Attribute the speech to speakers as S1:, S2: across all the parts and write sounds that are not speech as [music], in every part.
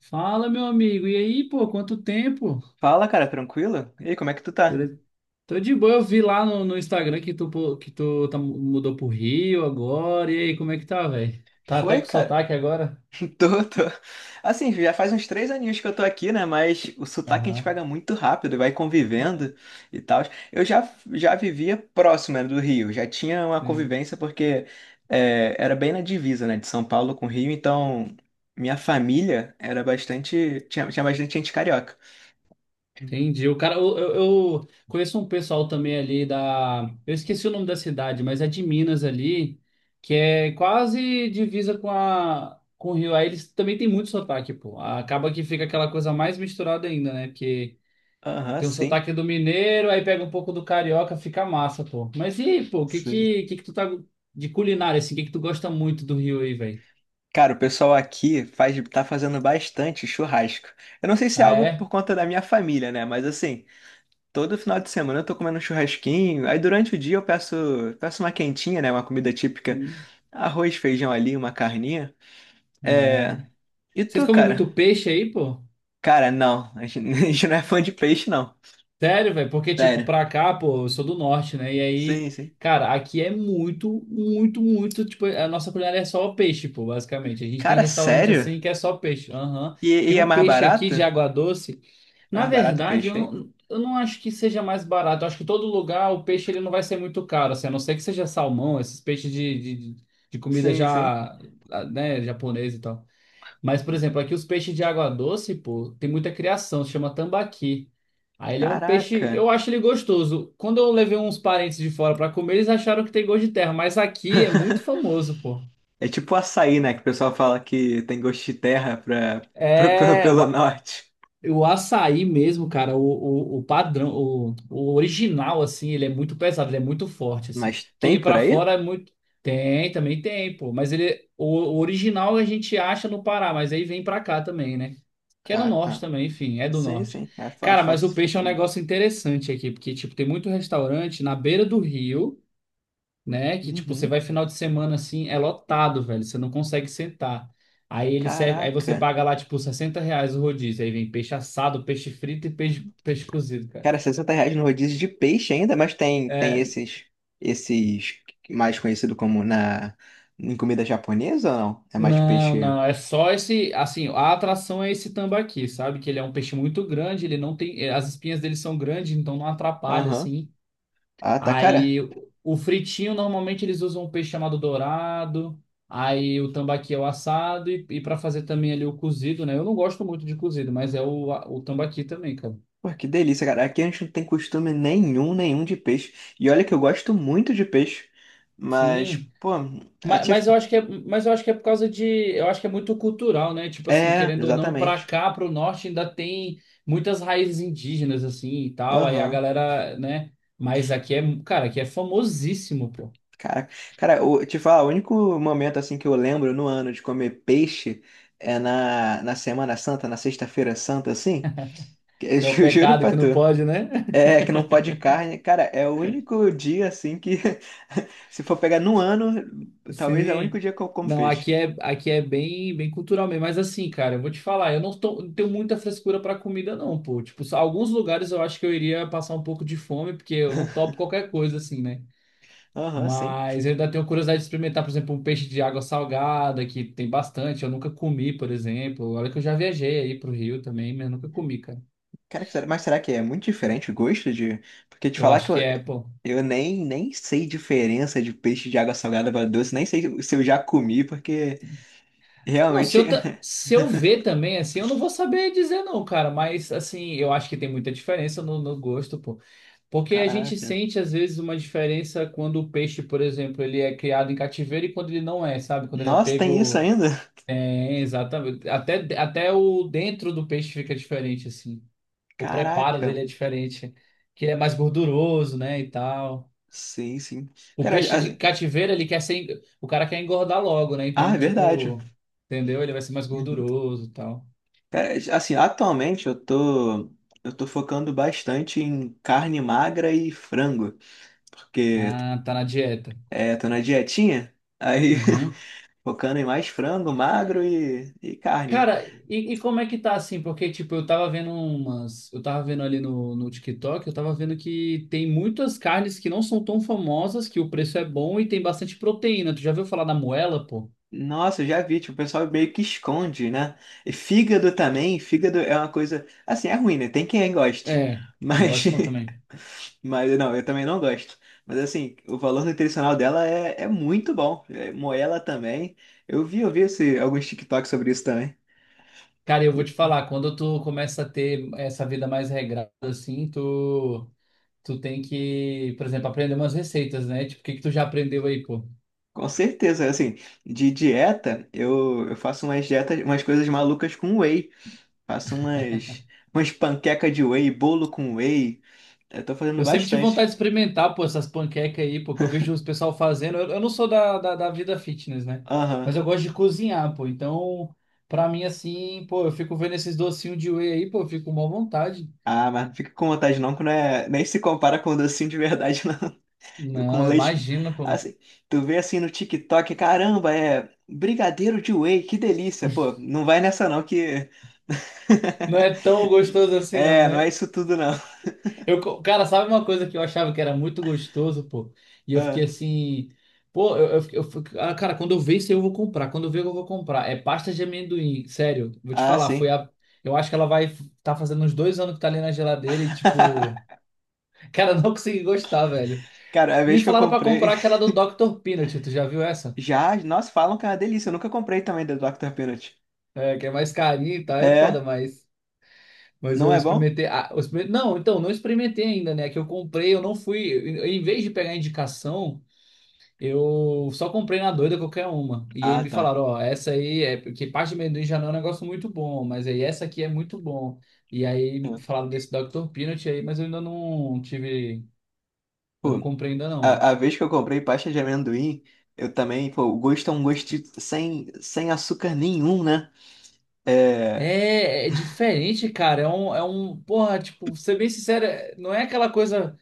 S1: Fala, meu amigo. E aí, pô, quanto tempo?
S2: Fala, cara, tranquilo? E aí, como é que tu tá?
S1: Beleza? Tô de boa, eu vi lá no Instagram que tu tá, mudou pro Rio agora. E aí, como é que tá, velho? Tá até
S2: Foi,
S1: com
S2: cara?
S1: sotaque agora?
S2: [laughs] Tô, tô. Assim, já faz uns três aninhos que eu tô aqui, né? Mas o sotaque a gente
S1: Aham,
S2: pega muito rápido, vai convivendo e tal. Eu já vivia próximo, né, do Rio, já tinha uma
S1: sim.
S2: convivência porque é, era bem na divisa, né, de São Paulo com o Rio, então minha família era bastante. Tinha bastante gente carioca.
S1: Entendi. O cara, eu conheço um pessoal também ali da. Eu esqueci o nome da cidade, mas é de Minas ali, que é quase divisa com o Rio. Aí eles também têm muito sotaque, pô. Acaba que fica aquela coisa mais misturada ainda, né? Porque.
S2: Aham,
S1: Tem um
S2: sim,
S1: sotaque do mineiro, aí pega um pouco do carioca, fica massa, pô. Mas e aí, pô, o que
S2: sim.
S1: que, que que tu tá de culinária, assim? O que que tu gosta muito do Rio aí, velho?
S2: Cara, o pessoal aqui faz, tá fazendo bastante churrasco. Eu não sei se é
S1: Ah,
S2: algo por
S1: é?
S2: conta da minha família, né? Mas assim, todo final de semana eu tô comendo um churrasquinho. Aí durante o dia eu peço, peço uma quentinha, né? Uma comida típica.
S1: Sim.
S2: Arroz, feijão ali, uma carninha.
S1: É.
S2: É... E
S1: Vocês
S2: tu,
S1: comem
S2: cara?
S1: muito peixe aí, pô?
S2: Cara, não. A gente [laughs] a gente não é fã de peixe, não.
S1: Sério, velho? Porque, tipo,
S2: Sério.
S1: pra cá, pô, eu sou do norte, né? E aí,
S2: Sim, sim.
S1: cara, aqui é muito, muito, muito, tipo, a nossa culinária é só peixe, pô, basicamente. A gente tem
S2: Cara,
S1: restaurante
S2: sério?
S1: assim que é só peixe. Aham.
S2: E,
S1: Tem
S2: e é
S1: um
S2: mais
S1: peixe aqui de
S2: barato?
S1: água doce.
S2: É
S1: Na
S2: mais barato o
S1: verdade, eu
S2: peixe, hein?
S1: não, eu não acho que seja mais barato. Eu acho que todo lugar o peixe ele não vai ser muito caro, assim, a não ser que seja salmão, esses peixes de comida
S2: Sim, sim.
S1: já, ah, né, japonês e tal. Mas, por exemplo, aqui os peixes de água doce, pô, tem muita criação, se chama tambaqui. Aí ele é um peixe,
S2: Caraca.
S1: eu acho ele gostoso. Quando eu levei uns parentes de fora pra comer, eles acharam que tem gosto de terra, mas aqui é muito famoso, pô.
S2: É tipo açaí, né? Que o pessoal fala que tem gosto de terra pra, [laughs] pra- pelo
S1: É,
S2: pelo
S1: o
S2: norte.
S1: O açaí mesmo, cara, o padrão, o original, assim, ele é muito pesado, ele é muito forte, assim.
S2: Mas tem
S1: Que
S2: por
S1: pra
S2: aí?
S1: fora é muito. Tem, também tem, pô. Mas ele, o original a gente acha no Pará, mas aí vem pra cá também, né? Que é no
S2: Ah,
S1: norte
S2: tá.
S1: também, enfim, é do
S2: Sim,
S1: norte.
S2: sim. É fa-
S1: Cara, mas o
S2: fácil,
S1: peixe é um
S2: facilita.
S1: negócio interessante aqui, porque, tipo, tem muito restaurante na beira do rio, né? Que tipo, você
S2: Uhum.
S1: vai final de semana assim, é lotado, velho. Você não consegue sentar. Aí ele serve, aí você
S2: Caraca.
S1: paga lá, tipo, 60 reais o rodízio. Aí vem peixe assado, peixe frito e peixe cozido, cara.
S2: Cara, 60 reais no rodízio de peixe ainda, mas tem
S1: É,
S2: esses, esses mais conhecido como na, em comida japonesa ou não? É mais
S1: não,
S2: peixe.
S1: não, é só esse, assim, a atração é esse tambaqui, sabe? Que ele é um peixe muito grande, ele não tem, as espinhas dele são grandes, então não atrapalha,
S2: Aham.
S1: assim.
S2: Ah, tá, cara.
S1: Aí o fritinho, normalmente eles usam um peixe chamado dourado. Aí o tambaqui é o assado. E para fazer também ali o cozido, né? Eu não gosto muito de cozido, mas é o tambaqui também, cara.
S2: Pô, que delícia, cara. Aqui a gente não tem costume nenhum, nenhum de peixe. E olha que eu gosto muito de peixe. Mas,
S1: Sim.
S2: pô, eu
S1: Mas,
S2: te...
S1: mas eu acho que é, mas eu acho que é por causa de. Eu acho que é muito cultural, né? Tipo assim,
S2: é,
S1: querendo ou não, pra
S2: exatamente.
S1: cá, pro norte, ainda tem muitas raízes indígenas, assim e tal. Aí a
S2: Aham.
S1: galera, né? Mas aqui é. Cara, aqui é famosíssimo, pô.
S2: Cara, cara, eu te falar, o único momento assim que eu lembro no ano de comer peixe é na, na Semana Santa, na Sexta-feira Santa, assim. Que eu [laughs]
S1: É o
S2: ju- juro
S1: pecado
S2: pra
S1: que
S2: tu.
S1: não pode, né?
S2: É, que não pode carne. Cara, é o único dia assim que, [laughs] se for pegar no ano, talvez é o
S1: Sim.
S2: único dia que eu como
S1: Não,
S2: peixe.
S1: aqui é bem, bem cultural mesmo. Mas assim, cara, eu vou te falar, eu não tô- não tenho muita frescura pra comida, não, pô. Tipo, só alguns lugares eu acho que eu iria passar um pouco de fome, porque eu não
S2: [laughs]
S1: topo qualquer coisa, assim, né?
S2: Aham, sim.
S1: Mas eu ainda tenho curiosidade de experimentar, por exemplo, um peixe de água salgada, que tem bastante. Eu nunca comi, por exemplo. Olha que eu já viajei aí pro Rio também, mas nunca comi, cara.
S2: Cara, será- mas será que é muito diferente o gosto de. Porque te
S1: Eu
S2: falar que
S1: acho que é, pô.
S2: eu nem, nem sei diferença de peixe de água salgada para doce, nem sei se eu já comi, porque
S1: Não,
S2: realmente. [laughs]
S1: se eu ver também, assim, eu não vou saber dizer, não, cara. Mas, assim, eu acho que tem muita diferença no gosto, pô. Porque a gente
S2: Caraca.
S1: sente, às vezes, uma diferença quando o peixe, por exemplo, ele é criado em cativeiro e quando ele não é, sabe? Quando ele é
S2: Nossa, tem isso
S1: pego.
S2: ainda?
S1: É, exatamente. Até o dentro do peixe fica diferente, assim. O preparo dele
S2: Caraca.
S1: é diferente. Que ele é mais gorduroso, né? E tal.
S2: Sim, sim.
S1: O
S2: Cara,
S1: peixe de
S2: a-
S1: cativeiro, ele quer ser. O cara quer engordar logo, né?
S2: ah,
S1: Então,
S2: é verdade.
S1: tipo. Entendeu? Ele vai ser mais
S2: Uhum.
S1: gorduroso e tal.
S2: Cara, assim, atualmente eu tô. Eu tô focando bastante em carne magra e frango, porque
S1: Ah, tá na dieta.
S2: é, tô na dietinha, aí.
S1: Uhum.
S2: [laughs] Focando em mais frango, magro e carne.
S1: Cara, e como é que tá assim? Porque, tipo, eu tava vendo umas. Eu tava vendo ali no TikTok, eu tava vendo que tem muitas carnes que não são tão famosas, que o preço é bom e tem bastante proteína. Tu já viu falar da moela, pô?
S2: Nossa, eu já vi, tipo, o pessoal meio que esconde, né? E fígado também, fígado é uma coisa. Assim, é ruim, né? Tem quem goste.
S1: É, não
S2: Mas.
S1: gosto não também.
S2: [laughs] Mas não, eu também não gosto. Mas assim, o valor nutricional dela é, é muito bom. É, moela também. Eu vi esse, alguns TikToks sobre isso também.
S1: Cara, eu vou te falar, quando tu começa a ter essa vida mais regrada, assim, tu tem que, por exemplo, aprender umas receitas, né? Tipo, o que que tu já aprendeu aí, pô?
S2: Com certeza, assim, de dieta, eu faço umas dietas, umas coisas malucas com whey. Faço umas, umas panqueca de whey, bolo com whey. Eu tô fazendo
S1: Eu sempre tive
S2: bastante.
S1: vontade de experimentar, pô, essas panquecas aí, pô, que eu vejo os pessoal fazendo. Eu não sou da vida fitness, né?
S2: Aham.
S1: Mas eu gosto de cozinhar, pô. Então, pra mim, assim, pô, eu fico vendo esses docinhos de whey aí, pô, eu fico com má vontade.
S2: Ah, mas não fica com vontade não, que não é, nem se compara com docinho de verdade, não. [laughs] Do- Com
S1: Não,
S2: leite.
S1: imagina, pô.
S2: Assim, tu vê assim no TikTok, caramba, é brigadeiro de whey, que delícia. Pô, não vai nessa não que.
S1: Não é tão
S2: [laughs]
S1: gostoso assim, não,
S2: É, não é
S1: né?
S2: isso tudo não.
S1: Cara, sabe uma coisa que eu achava que era muito gostoso, pô? E eu fiquei
S2: Ah,
S1: assim, pô. Ah, cara, quando eu ver isso aí eu vou comprar, quando eu ver eu vou comprar. É pasta de amendoim, sério, vou te
S2: ah,
S1: falar, foi
S2: sim.
S1: a. Eu acho que ela vai tá fazendo uns 2 anos que tá ali na geladeira e, tipo,
S2: [laughs]
S1: [laughs] cara, eu não consegui gostar, velho.
S2: Cara, a
S1: Me
S2: vez que eu
S1: falaram pra
S2: comprei.
S1: comprar aquela do Dr. Peanut, tu já viu essa?
S2: Já, nossa, falam que é uma delícia. Eu nunca comprei também da Dr. Peanut.
S1: É, que é mais carinha e tal, é foda,
S2: É,
S1: mas. Mas
S2: não
S1: eu
S2: é bom?
S1: experimentei. Não, então, não experimentei ainda, né? Que eu comprei, eu não fui. Em vez de pegar indicação. Eu só comprei na doida qualquer uma. E aí
S2: Ah,
S1: me
S2: tá.
S1: falaram, ó, essa aí é porque parte de amendoim já não é um negócio muito bom, mas aí essa aqui é muito bom. E aí
S2: É.
S1: falaram desse Dr. Peanut aí, mas eu ainda não tive, eu não
S2: Pô,
S1: comprei ainda não.
S2: a vez que eu comprei pasta de amendoim, eu também, pô, o gosto é um gosto sem, sem açúcar nenhum, né? É,
S1: É, é diferente, cara. É um, porra, tipo, ser bem sincero, não é aquela coisa.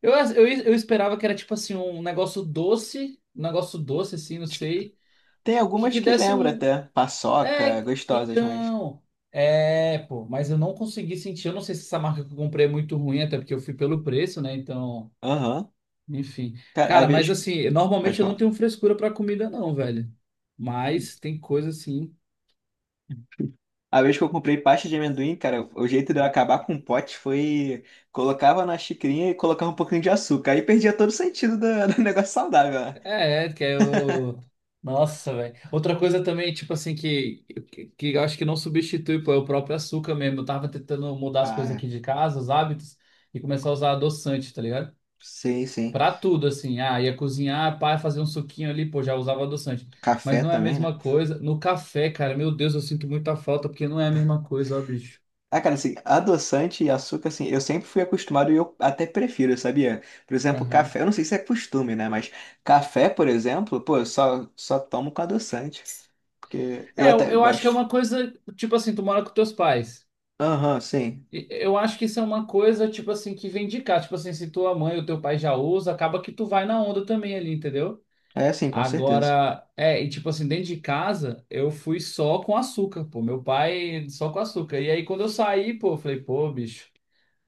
S1: Eu esperava que era tipo assim, um negócio doce assim, não
S2: acho que-
S1: sei,
S2: tem algumas
S1: que
S2: que
S1: desse
S2: lembra
S1: um,
S2: até, paçoca,
S1: É,
S2: gostosas, mas...
S1: então. É, pô, mas eu não consegui sentir. Eu não sei se essa marca que eu comprei é muito ruim, até porque eu fui pelo preço, né? Então,
S2: Aham.
S1: enfim.
S2: Cara, a
S1: Cara, mas
S2: vez...
S1: assim,
S2: Pode
S1: normalmente eu não
S2: falar.
S1: tenho frescura pra comida, não, velho. Mas tem coisa assim.
S2: A vez que eu comprei pasta de amendoim, cara, o jeito de eu acabar com o pote foi... Colocava na xicrinha e colocava um pouquinho de açúcar. Aí perdia todo o sentido do, [laughs] do negócio saudável, né?
S1: É, que é o. Nossa, velho. Outra coisa também, tipo assim, que, que eu acho que não substitui, pô, é o próprio açúcar mesmo. Eu tava tentando mudar as coisas
S2: Ah,
S1: aqui de casa, os hábitos, e começar a usar adoçante, tá ligado?
S2: sim, sim.
S1: Pra tudo, assim. Ah, ia cozinhar, pá, fazer um suquinho ali, pô, já usava adoçante. Mas
S2: Café
S1: não é a
S2: também, né?
S1: mesma coisa. No café, cara, meu Deus, eu sinto muita falta, porque não é a mesma coisa, ó, bicho.
S2: Ah, cara, assim, adoçante e açúcar, assim, eu sempre fui acostumado e eu até prefiro, sabia? Por exemplo, café,
S1: Aham.
S2: eu não sei se é costume, né? Mas café, por exemplo, pô, eu só tomo com adoçante, porque eu
S1: É, eu,
S2: até
S1: eu acho que é
S2: gosto.
S1: uma coisa, tipo assim, tu mora com teus pais.
S2: Aham, sim.
S1: E eu acho que isso é uma coisa, tipo assim, que vem de cá. Tipo assim, se tua mãe ou teu pai já usa, acaba que tu vai na onda também ali, entendeu?
S2: É, sim, com certeza.
S1: Agora, é, e tipo assim, dentro de casa, eu fui só com açúcar, pô. Meu pai só com açúcar. E aí, quando eu saí, pô, eu falei, pô, bicho.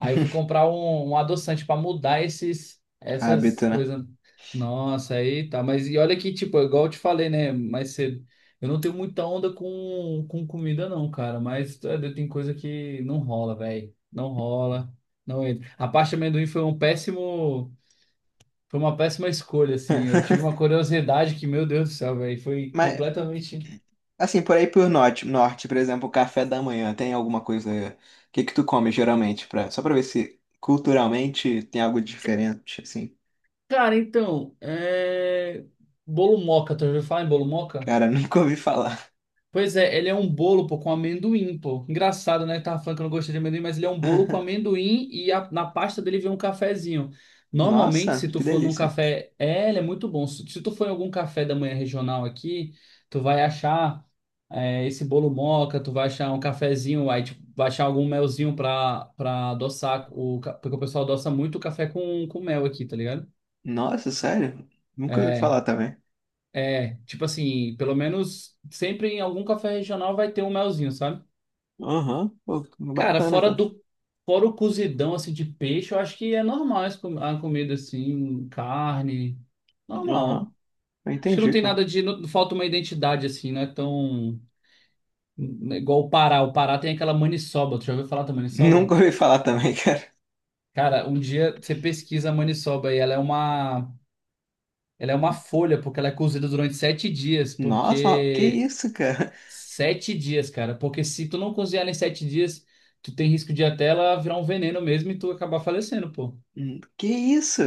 S1: Aí eu fui
S2: [laughs]
S1: comprar um adoçante para mudar esses, essas
S2: Hábito, né?
S1: coisas. Nossa, aí tá. Mas e olha que, tipo, é igual eu te falei, né? Mais cedo. Eu não tenho muita onda com comida, não, cara. Mas tá, tem coisa que não rola, velho. Não rola. Não entra. A parte de amendoim foi um péssimo. Foi uma péssima escolha, assim. Eu tive uma curiosidade que, meu Deus do céu, velho. Foi
S2: Mas,
S1: completamente.
S2: assim, por aí por norte, norte, por exemplo, café da manhã, tem alguma coisa... O que que tu come, geralmente, pra... só pra ver se culturalmente tem algo diferente, assim.
S1: Cara, então. É... Bolo moca, tu já ouviu falar em bolo moca?
S2: Cara, [laughs] nunca ouvi falar.
S1: Pois é, ele é um bolo, pô, com amendoim, pô. Engraçado, né? Tava falando que eu não gostei de amendoim, mas ele é um bolo com
S2: [laughs]
S1: amendoim e na pasta dele vem um cafezinho. Normalmente,
S2: Nossa,
S1: se tu
S2: que
S1: for num
S2: delícia.
S1: café, é, ele é muito bom. Se tu for em algum café da manhã regional aqui, tu vai achar é, esse bolo moca, tu vai achar um cafezinho, aí tipo, vai achar algum melzinho pra adoçar, porque o pessoal adoça muito o café com mel aqui, tá ligado?
S2: Nossa, sério? Nunca ouvi
S1: É,
S2: falar também.
S1: é, tipo assim, pelo menos sempre em algum café regional vai ter um melzinho, sabe?
S2: Aham, pô,
S1: Cara,
S2: bacana, cara.
S1: fora o cozidão assim de peixe, eu acho que é normal esse a comida assim, carne, normal.
S2: Aham, eu
S1: Acho que não
S2: entendi,
S1: tem
S2: cara. [laughs]
S1: nada de não, falta uma identidade assim, não é igual o Pará. O Pará tem aquela maniçoba. Tu já ouviu falar da
S2: Nunca
S1: maniçoba?
S2: ouvi falar também, cara.
S1: Cara, um dia você pesquisa a maniçoba e ela é uma folha porque ela é cozida durante 7 dias,
S2: Nossa, mas que
S1: porque
S2: isso, cara?
S1: 7 dias, cara, porque se tu não cozinhar em 7 dias, tu tem risco de até ela virar um veneno mesmo e tu acabar falecendo, pô.
S2: Que isso?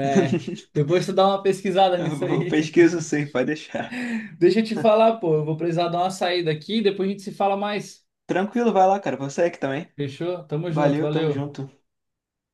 S1: É,
S2: [laughs]
S1: depois tu dá uma pesquisada nisso
S2: Eu
S1: aí. [laughs]
S2: pesquiso sim, pode deixar.
S1: Deixa eu te falar, pô, eu vou precisar dar uma saída aqui, depois a gente se fala mais.
S2: Tranquilo, vai lá, cara. Você aqui também.
S1: Fechou? Tamo junto,
S2: Valeu, tamo
S1: valeu.
S2: junto.